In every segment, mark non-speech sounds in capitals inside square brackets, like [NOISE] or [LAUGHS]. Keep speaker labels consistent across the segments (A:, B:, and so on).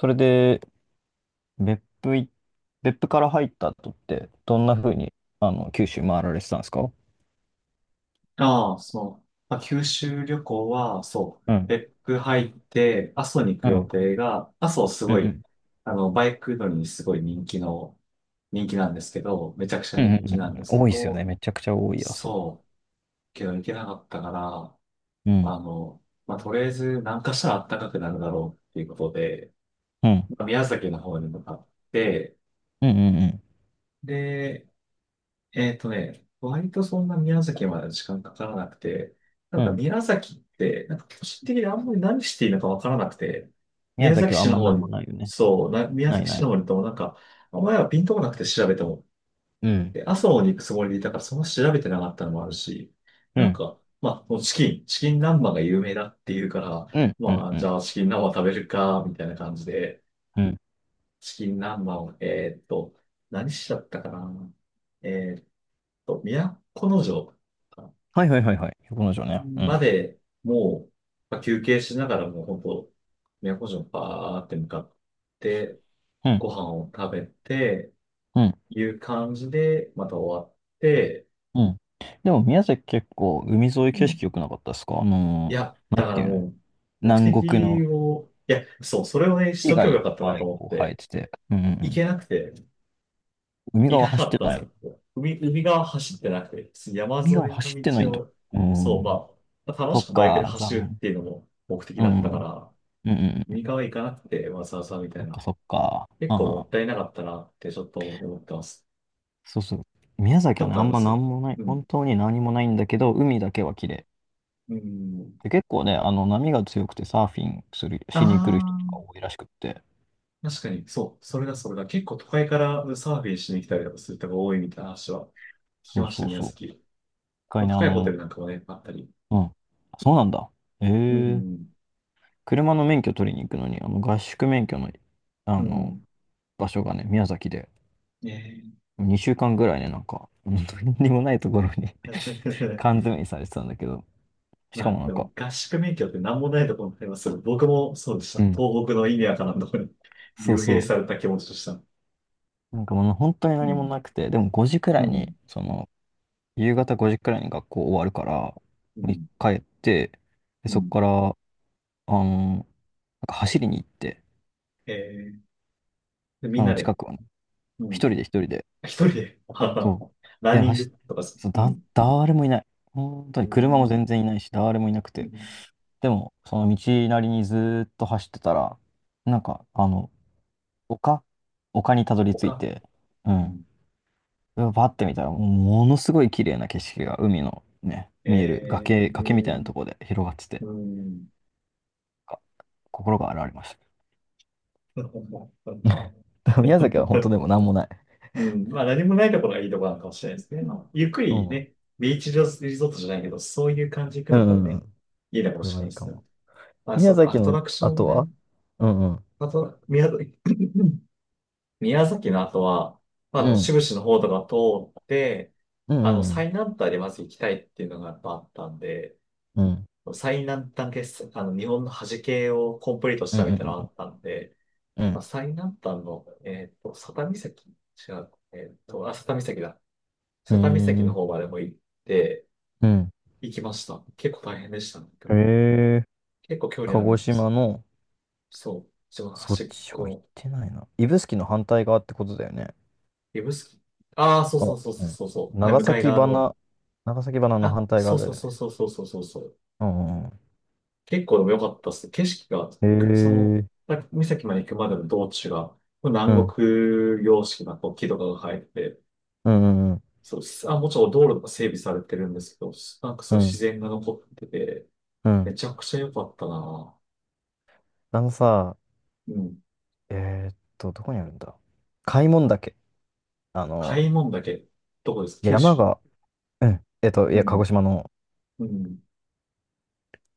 A: それで、別府い、別府から入った後って、どんな風に九州回られてたんですか？
B: ああ、そう。まあ、九州旅行は、そう、
A: うん。
B: 別府入って、阿蘇に行く
A: う
B: 予
A: ん。
B: 定が、阿蘇す
A: う
B: ご
A: ん。う
B: い、
A: ん。
B: あの、バイク乗りにすごい人気の、人気なんですけど、めちゃくちゃ
A: うん
B: 人
A: うん
B: 気
A: う
B: なんで
A: ん、
B: すけ
A: 多いですよ
B: ど、
A: ね。めちゃくちゃ多い、やそ
B: そう、けど行けなかったから、
A: う。うん。
B: まあの、まあ、とりあえず南下したら暖かくなるだろうっていうことで、
A: うん。
B: まあ宮崎の方に向かって、
A: うんうんうん。
B: で、えっとね、割とそんな宮崎まで時間かからなくて、な
A: う。
B: ん
A: うんう
B: か
A: んうん、
B: 宮崎って、なんか個人的にあんまり何していいのかわからなくて、
A: 宮
B: 宮
A: 崎
B: 崎
A: はあ
B: 市
A: ん
B: の
A: まな
B: 方
A: んも
B: に、
A: ないよね。
B: そう、宮
A: ない
B: 崎市
A: ない。
B: の方に行ってもなんか、あんまりはピンとこなくて調べても、
A: うん。
B: で、阿蘇に行くつもりでいたからそんな調べてなかったのもあるし、
A: う
B: なん
A: ん。
B: か、まあ、もうチキン南蛮が有名だっていうから、
A: うん。うん。
B: まあ、
A: う
B: じ
A: ん。
B: ゃあチキン南蛮食べるか、みたいな感じで、
A: うん。
B: チキン南蛮を、何しちゃったかな。えーっと、都城
A: はいはいはいはい。横の城ね。う
B: ま
A: ん。
B: でもう、まあ休憩しながらもう本当、都城バーって向かって、
A: うん。
B: ご飯を食べて、
A: うん。
B: いう感じで、また終わって、
A: うん。でも宮崎結構海沿い
B: う
A: 景
B: ん。
A: 色良くなかったですか？あ
B: い
A: の
B: や、
A: ーなん
B: だか
A: て
B: ら
A: いうの
B: もう、目
A: 南国
B: 的
A: の
B: を、いや、そう、それをね、し
A: 木
B: とけ
A: が
B: ば
A: いっ
B: よかったな
A: ぱ
B: と
A: い
B: 思っ
A: こう生え
B: て、
A: てて。うんう
B: 行
A: ん。
B: けなくて、
A: 海
B: 行か
A: 側
B: な
A: 走っ
B: か
A: て
B: ったんです
A: な
B: よ。
A: い。
B: ここ海、海側走ってなくて、山沿
A: 海側
B: いの
A: 走ってないん
B: 道
A: だ。
B: を、
A: う
B: そう、
A: ん。
B: まあ、楽
A: そ
B: し
A: っ
B: くバイクで
A: か、残
B: 走るっ
A: 念。
B: ていうのも目的
A: うん。
B: だ
A: う
B: ったか
A: ん
B: ら、
A: うんうん。
B: 右側行かなくて、わざわざみた
A: そ
B: い
A: っか
B: な。
A: そっか。
B: 結構
A: あ
B: も
A: あ、
B: ったいなかったなってちょっと思ってます。
A: そうそう。
B: あ行
A: 宮
B: っ
A: 崎
B: た
A: は
B: こ
A: ね、
B: とあ
A: あ
B: り
A: ん
B: ま
A: まな
B: す
A: んもない。
B: うん。
A: 本当に何もないんだけど、海だけは綺麗。
B: うん。
A: で、結構ね、あの、波が強くてサーフィンする、しに来る人と
B: あ
A: か多いらしくって。
B: あ、確かに、そう、それだ、それだ。結構都会からサーフィンしに来たりとかする人が多いみたいな話は聞き
A: そう
B: まし
A: そ
B: た、
A: う
B: 宮
A: そう。一
B: 崎。
A: 回ね、あ
B: 高いホテ
A: の、
B: ルなんかもね、あったり。
A: うん。そうなんだ。
B: う
A: ええ、
B: ん。
A: 車の免許取りに行くのに、あの、合宿免許の、
B: う
A: あの、
B: ん。
A: 場所がね、宮崎で。
B: ね
A: 2週間ぐらいね、なんか、本当に何もないところに [LAUGHS]
B: え。[LAUGHS]
A: 缶詰にされてたんだけど、しか
B: まあ、
A: もな
B: で
A: ん
B: も
A: か、
B: 合宿免許って何もないところにありますけど、僕もそうでした。
A: うん。
B: 東北の意味わからんところに [LAUGHS]
A: そう
B: 幽閉
A: そ
B: された気持ちとした。
A: う、なんかもう本当に
B: う
A: 何も
B: ん。
A: なくて、でも5時く
B: う
A: らいに、
B: ん。
A: その、夕方5時くらいに学校終わるから、
B: う
A: に
B: ん。
A: 帰って、で、
B: う
A: そこ
B: ん
A: から、あの、なんか走りに行って、
B: えー、で
A: そ
B: みんな
A: の
B: で、
A: 近くをね、
B: う
A: 一
B: ん。
A: 人で一人で、
B: 一人で、
A: そう、
B: [LAUGHS] ラン
A: で、
B: ニングとかす、
A: そう、
B: うん。
A: 誰もいない。本当
B: う
A: に車も
B: ん。
A: 全然いないし、誰もいなく
B: う
A: て、
B: ん
A: でも、その道なりにずーっと走ってたら、なんか、あの、丘丘にたどり着い
B: 他、
A: て、う
B: う
A: ん。
B: ん。
A: でバッて見たら、もうものすごい綺麗な景色が海のね、見える
B: え
A: 崖みたい
B: ー、
A: なところで広がってて、
B: うん。
A: あ、心が洗われました。
B: [LAUGHS]
A: [LAUGHS] だから宮崎は本当でもなんもない。
B: うん。まあ何もないところがいいところなのかもしれないですね。
A: う
B: まあ、ゆっくり
A: んうん。
B: ね、ビーチリゾートじゃないけど、そういう感じで行
A: うん
B: く
A: う
B: のが
A: んうんう
B: ね、
A: ん。
B: いいのかも
A: それ
B: しれ
A: はい
B: ない
A: い
B: で
A: か
B: すね。
A: も。
B: まあ、そ
A: 宮
B: う、ア
A: 崎
B: ト
A: の
B: ラクションも
A: 後
B: ね、
A: は、うんうん。
B: あと、宮崎 [COUGHS] 宮崎の後は、まあ、あ
A: う
B: の、志
A: ん。
B: 布志の方とか通って、
A: うん
B: あの、
A: うん
B: 最南端でまず行きたいっていうのがやっぱあったんで、
A: うん。うん。
B: 最南端決、あの、日本の端系をコンプリートし
A: うん
B: たみたいなの
A: う
B: があ
A: ん
B: ったんで、
A: うんう
B: まあ、
A: ん。
B: 最南端の、えっと、佐多岬違う、えっと、あ、佐多岬だ。
A: うん。
B: 佐多岬
A: うー
B: の
A: ん。
B: 方までも行って、
A: うん。
B: 行きました。結構大変でしたね。け
A: へ
B: ど
A: え。
B: 結構距離
A: 鹿
B: ある
A: 児
B: んです
A: 島
B: よ。
A: の、
B: そう。一番
A: そっ
B: 端っ
A: ち
B: こ
A: は行っ
B: の
A: てないな。指宿の反対側ってことだよね。
B: 指宿。ああ、そう
A: あ、
B: そうそうそ
A: う
B: う
A: ん。
B: そうそう。はい、
A: 長
B: 向かい
A: 崎
B: 側の
A: 花、長崎花の
B: あ、
A: 反対
B: そ
A: 側
B: うそう
A: だよ
B: そう
A: ね。
B: そうそうそうそうそう。
A: うんうんう
B: 結構でも良かったっす。景色が、
A: ん。へ
B: 行くその、
A: え。
B: 滝岬まで行くまでの道中が、
A: う
B: 南
A: ん。
B: 国様式なこう木とかが生えてて、
A: うんうんうん。
B: そうす、あ、もちろん道路とか整備されてるんですけど、すなんかそ
A: う
B: う自
A: ん。
B: 然が残ってて、
A: うん。
B: めちゃくちゃ良かったな。
A: あのさ、
B: うん。
A: どこにあるんだ、開聞岳。あの、
B: 開門岳、どこですか九
A: 山
B: 州
A: が、うん。い
B: う
A: や、鹿児
B: ん。
A: 島の
B: うん。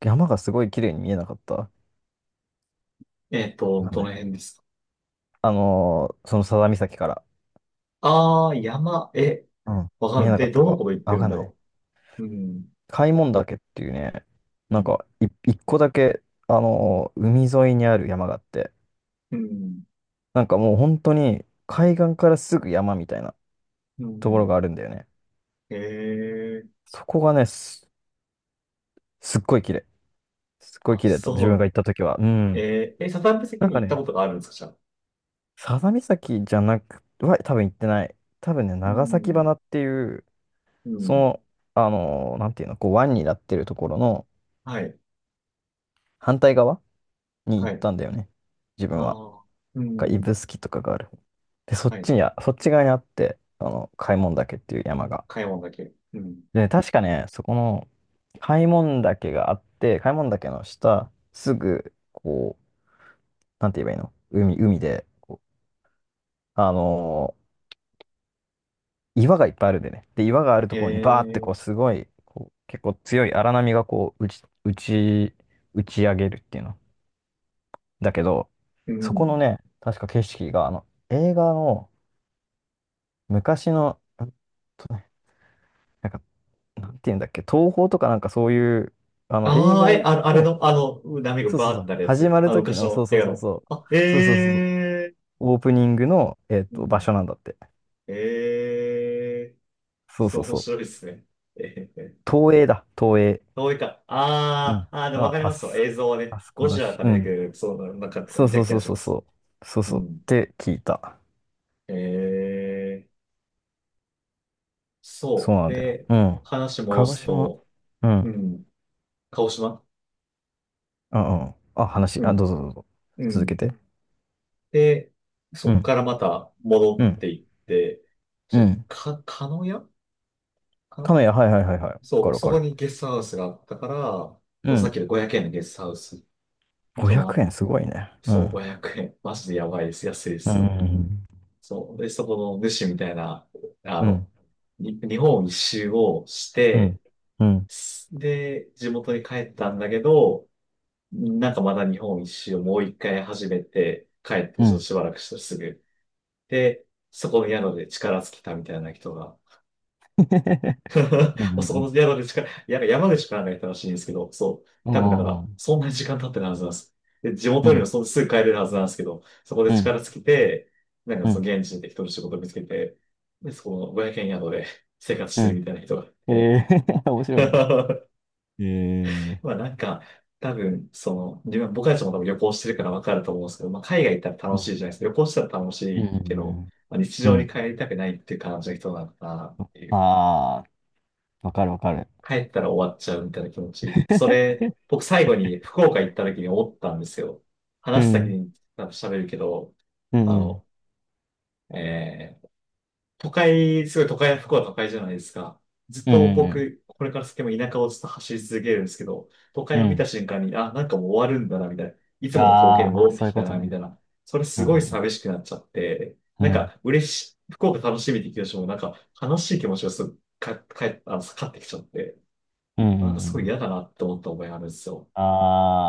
A: 山がすごい綺麗に見えなかった？わ
B: えっと、
A: かん
B: ど
A: な
B: の
A: い。
B: 辺ですか
A: あのー、その佐田岬から。
B: ああー、山、え、
A: うん。
B: わか
A: 見
B: ん
A: え
B: ない。
A: なか
B: で、
A: った
B: どの
A: か。
B: こと言っ
A: あ、
B: て
A: わ
B: るん
A: かん
B: だ
A: ない。
B: ろう。うん。
A: 開聞岳っていうね、
B: う
A: なん
B: ん。
A: かい一個だけ、あのー、海沿いにある山があって、
B: うん。
A: なんかもう本当に海岸からすぐ山みたいな
B: う
A: ところ
B: ん。
A: があるんだよね。
B: ええ
A: そこがね、すっごい綺麗。すっごい
B: あ、
A: 綺麗だった。自
B: そ
A: 分が行った時は。う
B: う。
A: ん。
B: えー、え、サタンプ席
A: なん
B: に
A: か
B: 行った
A: ね、
B: ことがあるんですか、じゃあ。
A: 佐々岬じゃなくは多分行ってない。多分ね、
B: う
A: 長崎
B: ん、
A: 花っていう、
B: う
A: そ
B: ん、
A: の、あのー、なんていうの、こう湾になってるところの
B: はい、
A: 反対側に
B: は
A: 行っ
B: い。
A: たんだよね。自
B: あ
A: 分は。
B: あ、う
A: か
B: ん、
A: 指宿とかがある。で、
B: はい。
A: そっち側にあって、あの、開門岳っていう山が。
B: 買い物だけ。うん。
A: で、確かね、そこの開門岳があって、開門岳の下、すぐ、こう、なんて言えばいいの、海で、こう、あのー、岩がいっぱいあるんでね。で、岩があるところにバーって
B: え
A: こう、
B: え
A: すごい、こう、結構強い荒波がこう、打ち上げるっていうの。だけど、
B: う
A: そこの
B: ん。
A: ね、確か景色が、あの、映画の昔の、とねなんかなんていうんだっけ、東宝とかなんかそういう、あの、映
B: ああ、
A: 画
B: え、
A: を、
B: あの、あれ
A: の、
B: の、あの、波が
A: そう
B: バ
A: そう
B: ーっ
A: そ
B: てな
A: う、
B: るや
A: 始
B: つ。
A: まる
B: あの、
A: 時
B: 昔
A: の、そ
B: の
A: う
B: 映
A: そう
B: 画
A: そう
B: の。
A: そう、
B: あ、え
A: そうそうそうそう、
B: え
A: オープニングの、
B: う
A: 場
B: ん。
A: 所なんだって。
B: ええ
A: そう
B: そう、
A: そう
B: 面
A: そ
B: 白い
A: う。
B: ですね。ええ
A: 東映だ、東映。
B: どういうか、
A: う
B: あ
A: ん。
B: あ、ああ、で
A: ま
B: もわかり
A: あ、あ
B: ますよ。
A: す、
B: 映像はね、
A: あそこ
B: ゴ
A: だ
B: ジラ
A: し、
B: が
A: う
B: 出てく
A: ん。
B: る、そう、なんか
A: そう
B: 見
A: そ
B: た
A: う
B: 気
A: そ
B: が
A: う
B: し
A: そ
B: ま
A: う
B: す。
A: そう。そう
B: う
A: そう。っ
B: ん。
A: て聞いた。
B: ええ
A: そう
B: そう。
A: なんだよ。
B: で、
A: うん。
B: 話戻
A: 鹿児
B: す
A: 島。
B: と、
A: う
B: う
A: ん。
B: ん、鹿児島
A: あ、うん。
B: う
A: あ、
B: ん、
A: どうぞどうぞ。
B: う
A: 続け
B: ん。
A: て。
B: で、
A: う
B: そこ
A: ん。
B: からまた戻
A: う
B: っ
A: ん。
B: ていって、
A: う
B: じゃ、
A: ん。
B: か、鹿屋かな
A: 鹿屋、はいはいはいはい。わか
B: そう、
A: るわ
B: そ
A: か
B: こ
A: る。
B: にゲストハウスがあったから、
A: う
B: そのさっ
A: ん、
B: きの500円のゲストハウスに泊
A: 500
B: まって
A: 円すごいね。う
B: そう、
A: ん。
B: 500円。マジでやばいです。安いで
A: う
B: すよね。
A: う
B: そう。で、そこの主みたいな、あ
A: ん。ん。
B: の、に日本一周をし
A: うん。
B: て、
A: うん。うん。
B: すで、地元に帰ったんだけど、なんかまだ日本一周をもう一回始めて、帰って
A: う
B: ちょっと
A: ん。
B: しばらくしたらすぐ。で、そこの宿で力尽きたみたいな人が、
A: う
B: [LAUGHS] そこ
A: ん。
B: の宿で力、や山口からがいたらしいんですけど、そう。
A: う
B: 多分だから、
A: ん。
B: そんなに時間経ってるはずなんです。で、地
A: う
B: 元にも
A: ん。
B: そんすぐ帰れるはずなんですけど、そこで
A: うん。うん。
B: 力尽きて、なんか
A: う
B: そ
A: ん。
B: の現地で適当に仕事見つけて、で、そこの500円宿で生活し
A: う
B: てる
A: ん、
B: みたいな人がいて。
A: えー、面白いな。
B: [LAUGHS]
A: ええ、
B: まあなんか、多分、その、自分、僕たちも多分旅行してるから分かると思うんですけど、まあ海外行ったら
A: う
B: 楽しい
A: ん。
B: じゃないですか。旅行したら楽し
A: う
B: いけど、
A: ん。
B: まあ、日
A: う
B: 常に
A: ん。
B: 帰りたくないっていう感じの人なのかなっていう。
A: ああ、わかるわかる。
B: 帰ったら終わっちゃうみたいな気持ち。それ、僕最後に福岡行った時に思ったんですよ。
A: う
B: 話す先
A: ん。
B: に多分喋るけど、
A: う
B: あ
A: ん。
B: の、えー都会、すごい都会、福岡都会じゃないですか。ずっ
A: うん。
B: と
A: うん。
B: 僕、これから先も田舎をずっと走り続けるんですけど、都
A: う
B: 会
A: ん。
B: を
A: う
B: 見た
A: ん、
B: 瞬間に、あ、なんかもう終わるんだな、みたいな。いつもの光景に
A: ああ、
B: 戻って
A: そうい
B: き
A: う
B: た
A: こと
B: な、みた
A: ね。
B: いな。それす
A: う
B: ごい
A: ん。
B: 寂しくなっちゃって、
A: うん。
B: な
A: う
B: ん
A: ん。
B: か嬉しい、福岡楽しみって気持ちも、なんか悲しい気持ちがすぐか、かえ、あの、かかってきちゃって、
A: うん。う
B: なんかすごい
A: ん、
B: 嫌だなって思った思いがあるんですよ。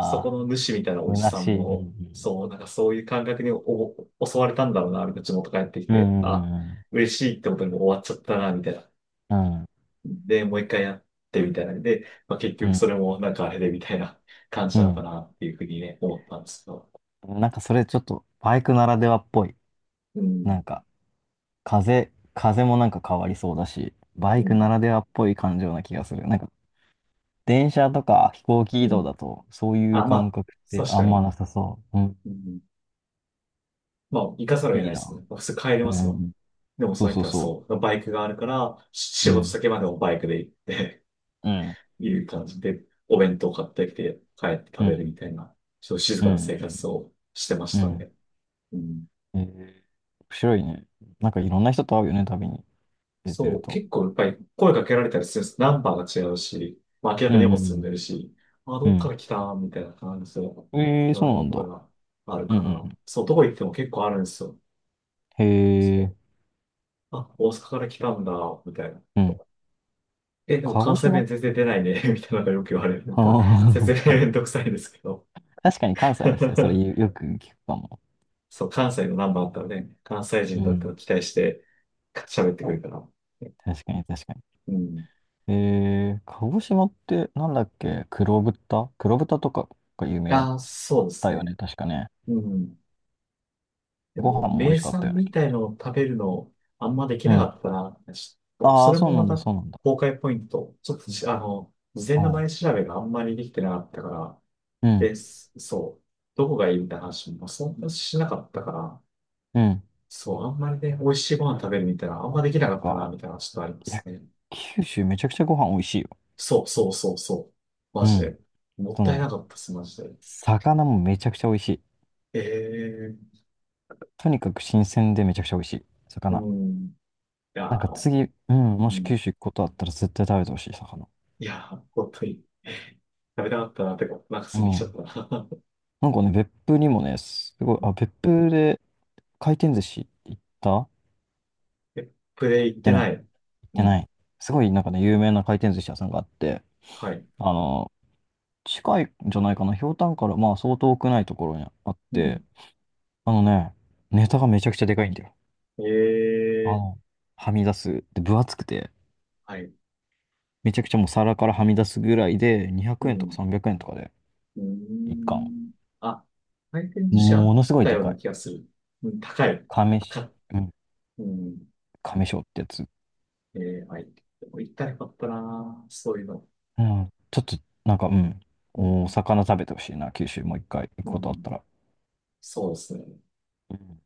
B: そこ
A: あ、
B: の主みたいなおじ
A: 虚
B: さ
A: し
B: ん
A: い。う
B: も、
A: ん。
B: そう、なんかそういう感覚に襲われたんだろうな、みたいな、地元帰ってき
A: う
B: て、あ、
A: ん。
B: 嬉しいってことにもう終わっちゃったな、みたいな。
A: うん。うん。
B: で、もう一回やってみたいな。で、まあ、結
A: う
B: 局そ
A: ん。
B: れもなんかあれでみたいな感じ
A: う
B: なのか
A: ん。
B: なっていうふうにね、思ったんですけど。
A: なんかそれちょっとバイクならではっぽい。
B: う
A: な
B: ん、
A: んか風もなんか変わりそうだし、バ
B: う
A: イクな
B: ん、
A: らではっぽい感情な気がする。なんか電車とか飛行機
B: う
A: 移動
B: ん。
A: だとそういう
B: あ、ま
A: 感
B: あ、
A: 覚って
B: 確
A: あ
B: か
A: んま
B: に。
A: なさそう。うん。
B: うん、まあ、行かざるを得
A: い
B: な
A: い
B: いで
A: な。
B: すもんね。普通帰れ
A: う
B: ますもんね。
A: ん。
B: でも
A: そ
B: そ
A: う
B: の
A: そう
B: 人は
A: そ
B: そう、バイクがあるから、
A: う。
B: 仕
A: う
B: 事
A: ん。
B: 先までもバイクで行って
A: うん。
B: いう感じで、お弁当買ってきて帰って食
A: う
B: べる
A: ん。
B: みたいな、ちょっと静
A: う
B: かな
A: ん。
B: 生活をしてま
A: う
B: した
A: ん。
B: ね。うん
A: えー、面白いね。なんかいろんな人と会うよね、旅に出て
B: そ
A: る
B: う、
A: と。
B: 結構やっぱり声かけられたりするんです。ナンバーが違うし、まあ明ら
A: う
B: かに荷
A: ん。う
B: 物積ん
A: ん
B: でるし、あ、
A: う
B: どっか
A: ん。
B: ら来たみたいな感じで
A: うん。えー、
B: 言わ
A: そう
B: れ
A: な
B: る
A: ん
B: こと
A: だ。
B: がある
A: うん。う
B: から、
A: ん。
B: そう、どこ行っても結構あるんですよ。
A: へ
B: そ
A: え。
B: う。あ、大阪から来たんだ、みたいな。
A: うん。
B: え、でも
A: 鹿
B: 関
A: 児
B: 西
A: 島。
B: 弁全然出ないね、[LAUGHS] みたいなのがよく言われる。
A: [LAUGHS]
B: なんか、
A: ああ、なるほ
B: 説明め
A: ど、
B: んどくさいんですけど。
A: 確かに関西の人それ
B: [LAUGHS]
A: よよく聞くかも。
B: そう、関西のナンバーあったので、関西
A: う
B: 人だ
A: ん
B: ったら
A: ん。
B: 期待して喋ってくるから。
A: 確かに確かに。
B: うん。
A: えー、鹿児島ってなんだっけ、黒豚とかが有名だっ
B: ああ、そうで
A: た
B: す
A: よ
B: ね。
A: ね、確かね。
B: うん。で
A: ご
B: も、
A: 飯も美味
B: 名
A: しかった
B: 産
A: よね。
B: みたいのを食べるの、あんまでき
A: う
B: なか
A: ん。
B: ったな。ちょっと、
A: あ
B: そ
A: あ、
B: れ
A: そ
B: も
A: うな
B: ま
A: ん
B: た、
A: だ、そうなんだ。
B: 崩壊ポイント。ちょっとじ、あの、事前
A: う
B: の
A: ん。
B: 前調べがあんまりできてなかったから、
A: うん。
B: で、すそう、どこがいいみたいな話もそんなしなかったから、
A: うん。
B: そう、あんまりね、美味しいご飯食べるみたいな、あん
A: そ
B: ま
A: っ
B: できなかったな、
A: か。
B: みたいな、ちょっとありま
A: いや、
B: すね。
A: 九州めちゃくちゃご飯美味しいよ。
B: そうそうそうそう。マ
A: うん。
B: ジ
A: あ
B: で。もっ
A: と
B: たい
A: ね、
B: なかったっす、マジで。
A: 魚もめちゃくちゃ美味しい。
B: ええ
A: とにかく新鮮でめちゃくちゃ美味しい。
B: う
A: 魚。
B: ん。いや
A: なんか
B: ー、
A: 次、うん、
B: う
A: もし
B: ん。
A: 九州行くことあったら絶対食べてほしい、魚。
B: いやー、本当に。[LAUGHS] 食べたかったな、てか、なんか
A: う
B: 過ぎちゃっ
A: ん。
B: たな。[LAUGHS]
A: なんかね、別府にもね、すごい、
B: う
A: あ、
B: ん
A: 別府で回転寿司行った
B: え、プレイ行ってない。
A: 行っ
B: う
A: てな
B: ん。
A: い。すごいなんかね、有名な回転寿司屋さんがあって、
B: はい。
A: あの、近いんじゃないかな、ひょうたんからまあ相当遠くないところにあっ
B: う
A: て、
B: ん。
A: あのね、ネタがめちゃくちゃでかいんだよ。
B: え
A: あ
B: え
A: の、はみ出す。で、分厚くて、
B: はい。
A: めちゃくちゃもう皿からはみ出すぐらいで、200
B: う
A: 円とか
B: ん。
A: 300円とかで、
B: うー
A: 一貫。
B: ん。あ、回転寿司あ
A: も
B: っ
A: のすごい
B: た
A: で
B: よう
A: か
B: な
A: い。
B: 気がする。うん、高い。
A: 亀
B: 高
A: し。
B: い。うん。
A: 亀章ってやつ。
B: ええはい。でも行ったらよかったな、そういうの。
A: うん。ちょっと、なんか、うん。
B: う
A: お
B: ん。
A: 魚食べてほしいな、九州もう一回行く
B: う
A: ことあっ
B: ん。
A: たら。
B: そうですね。
A: うん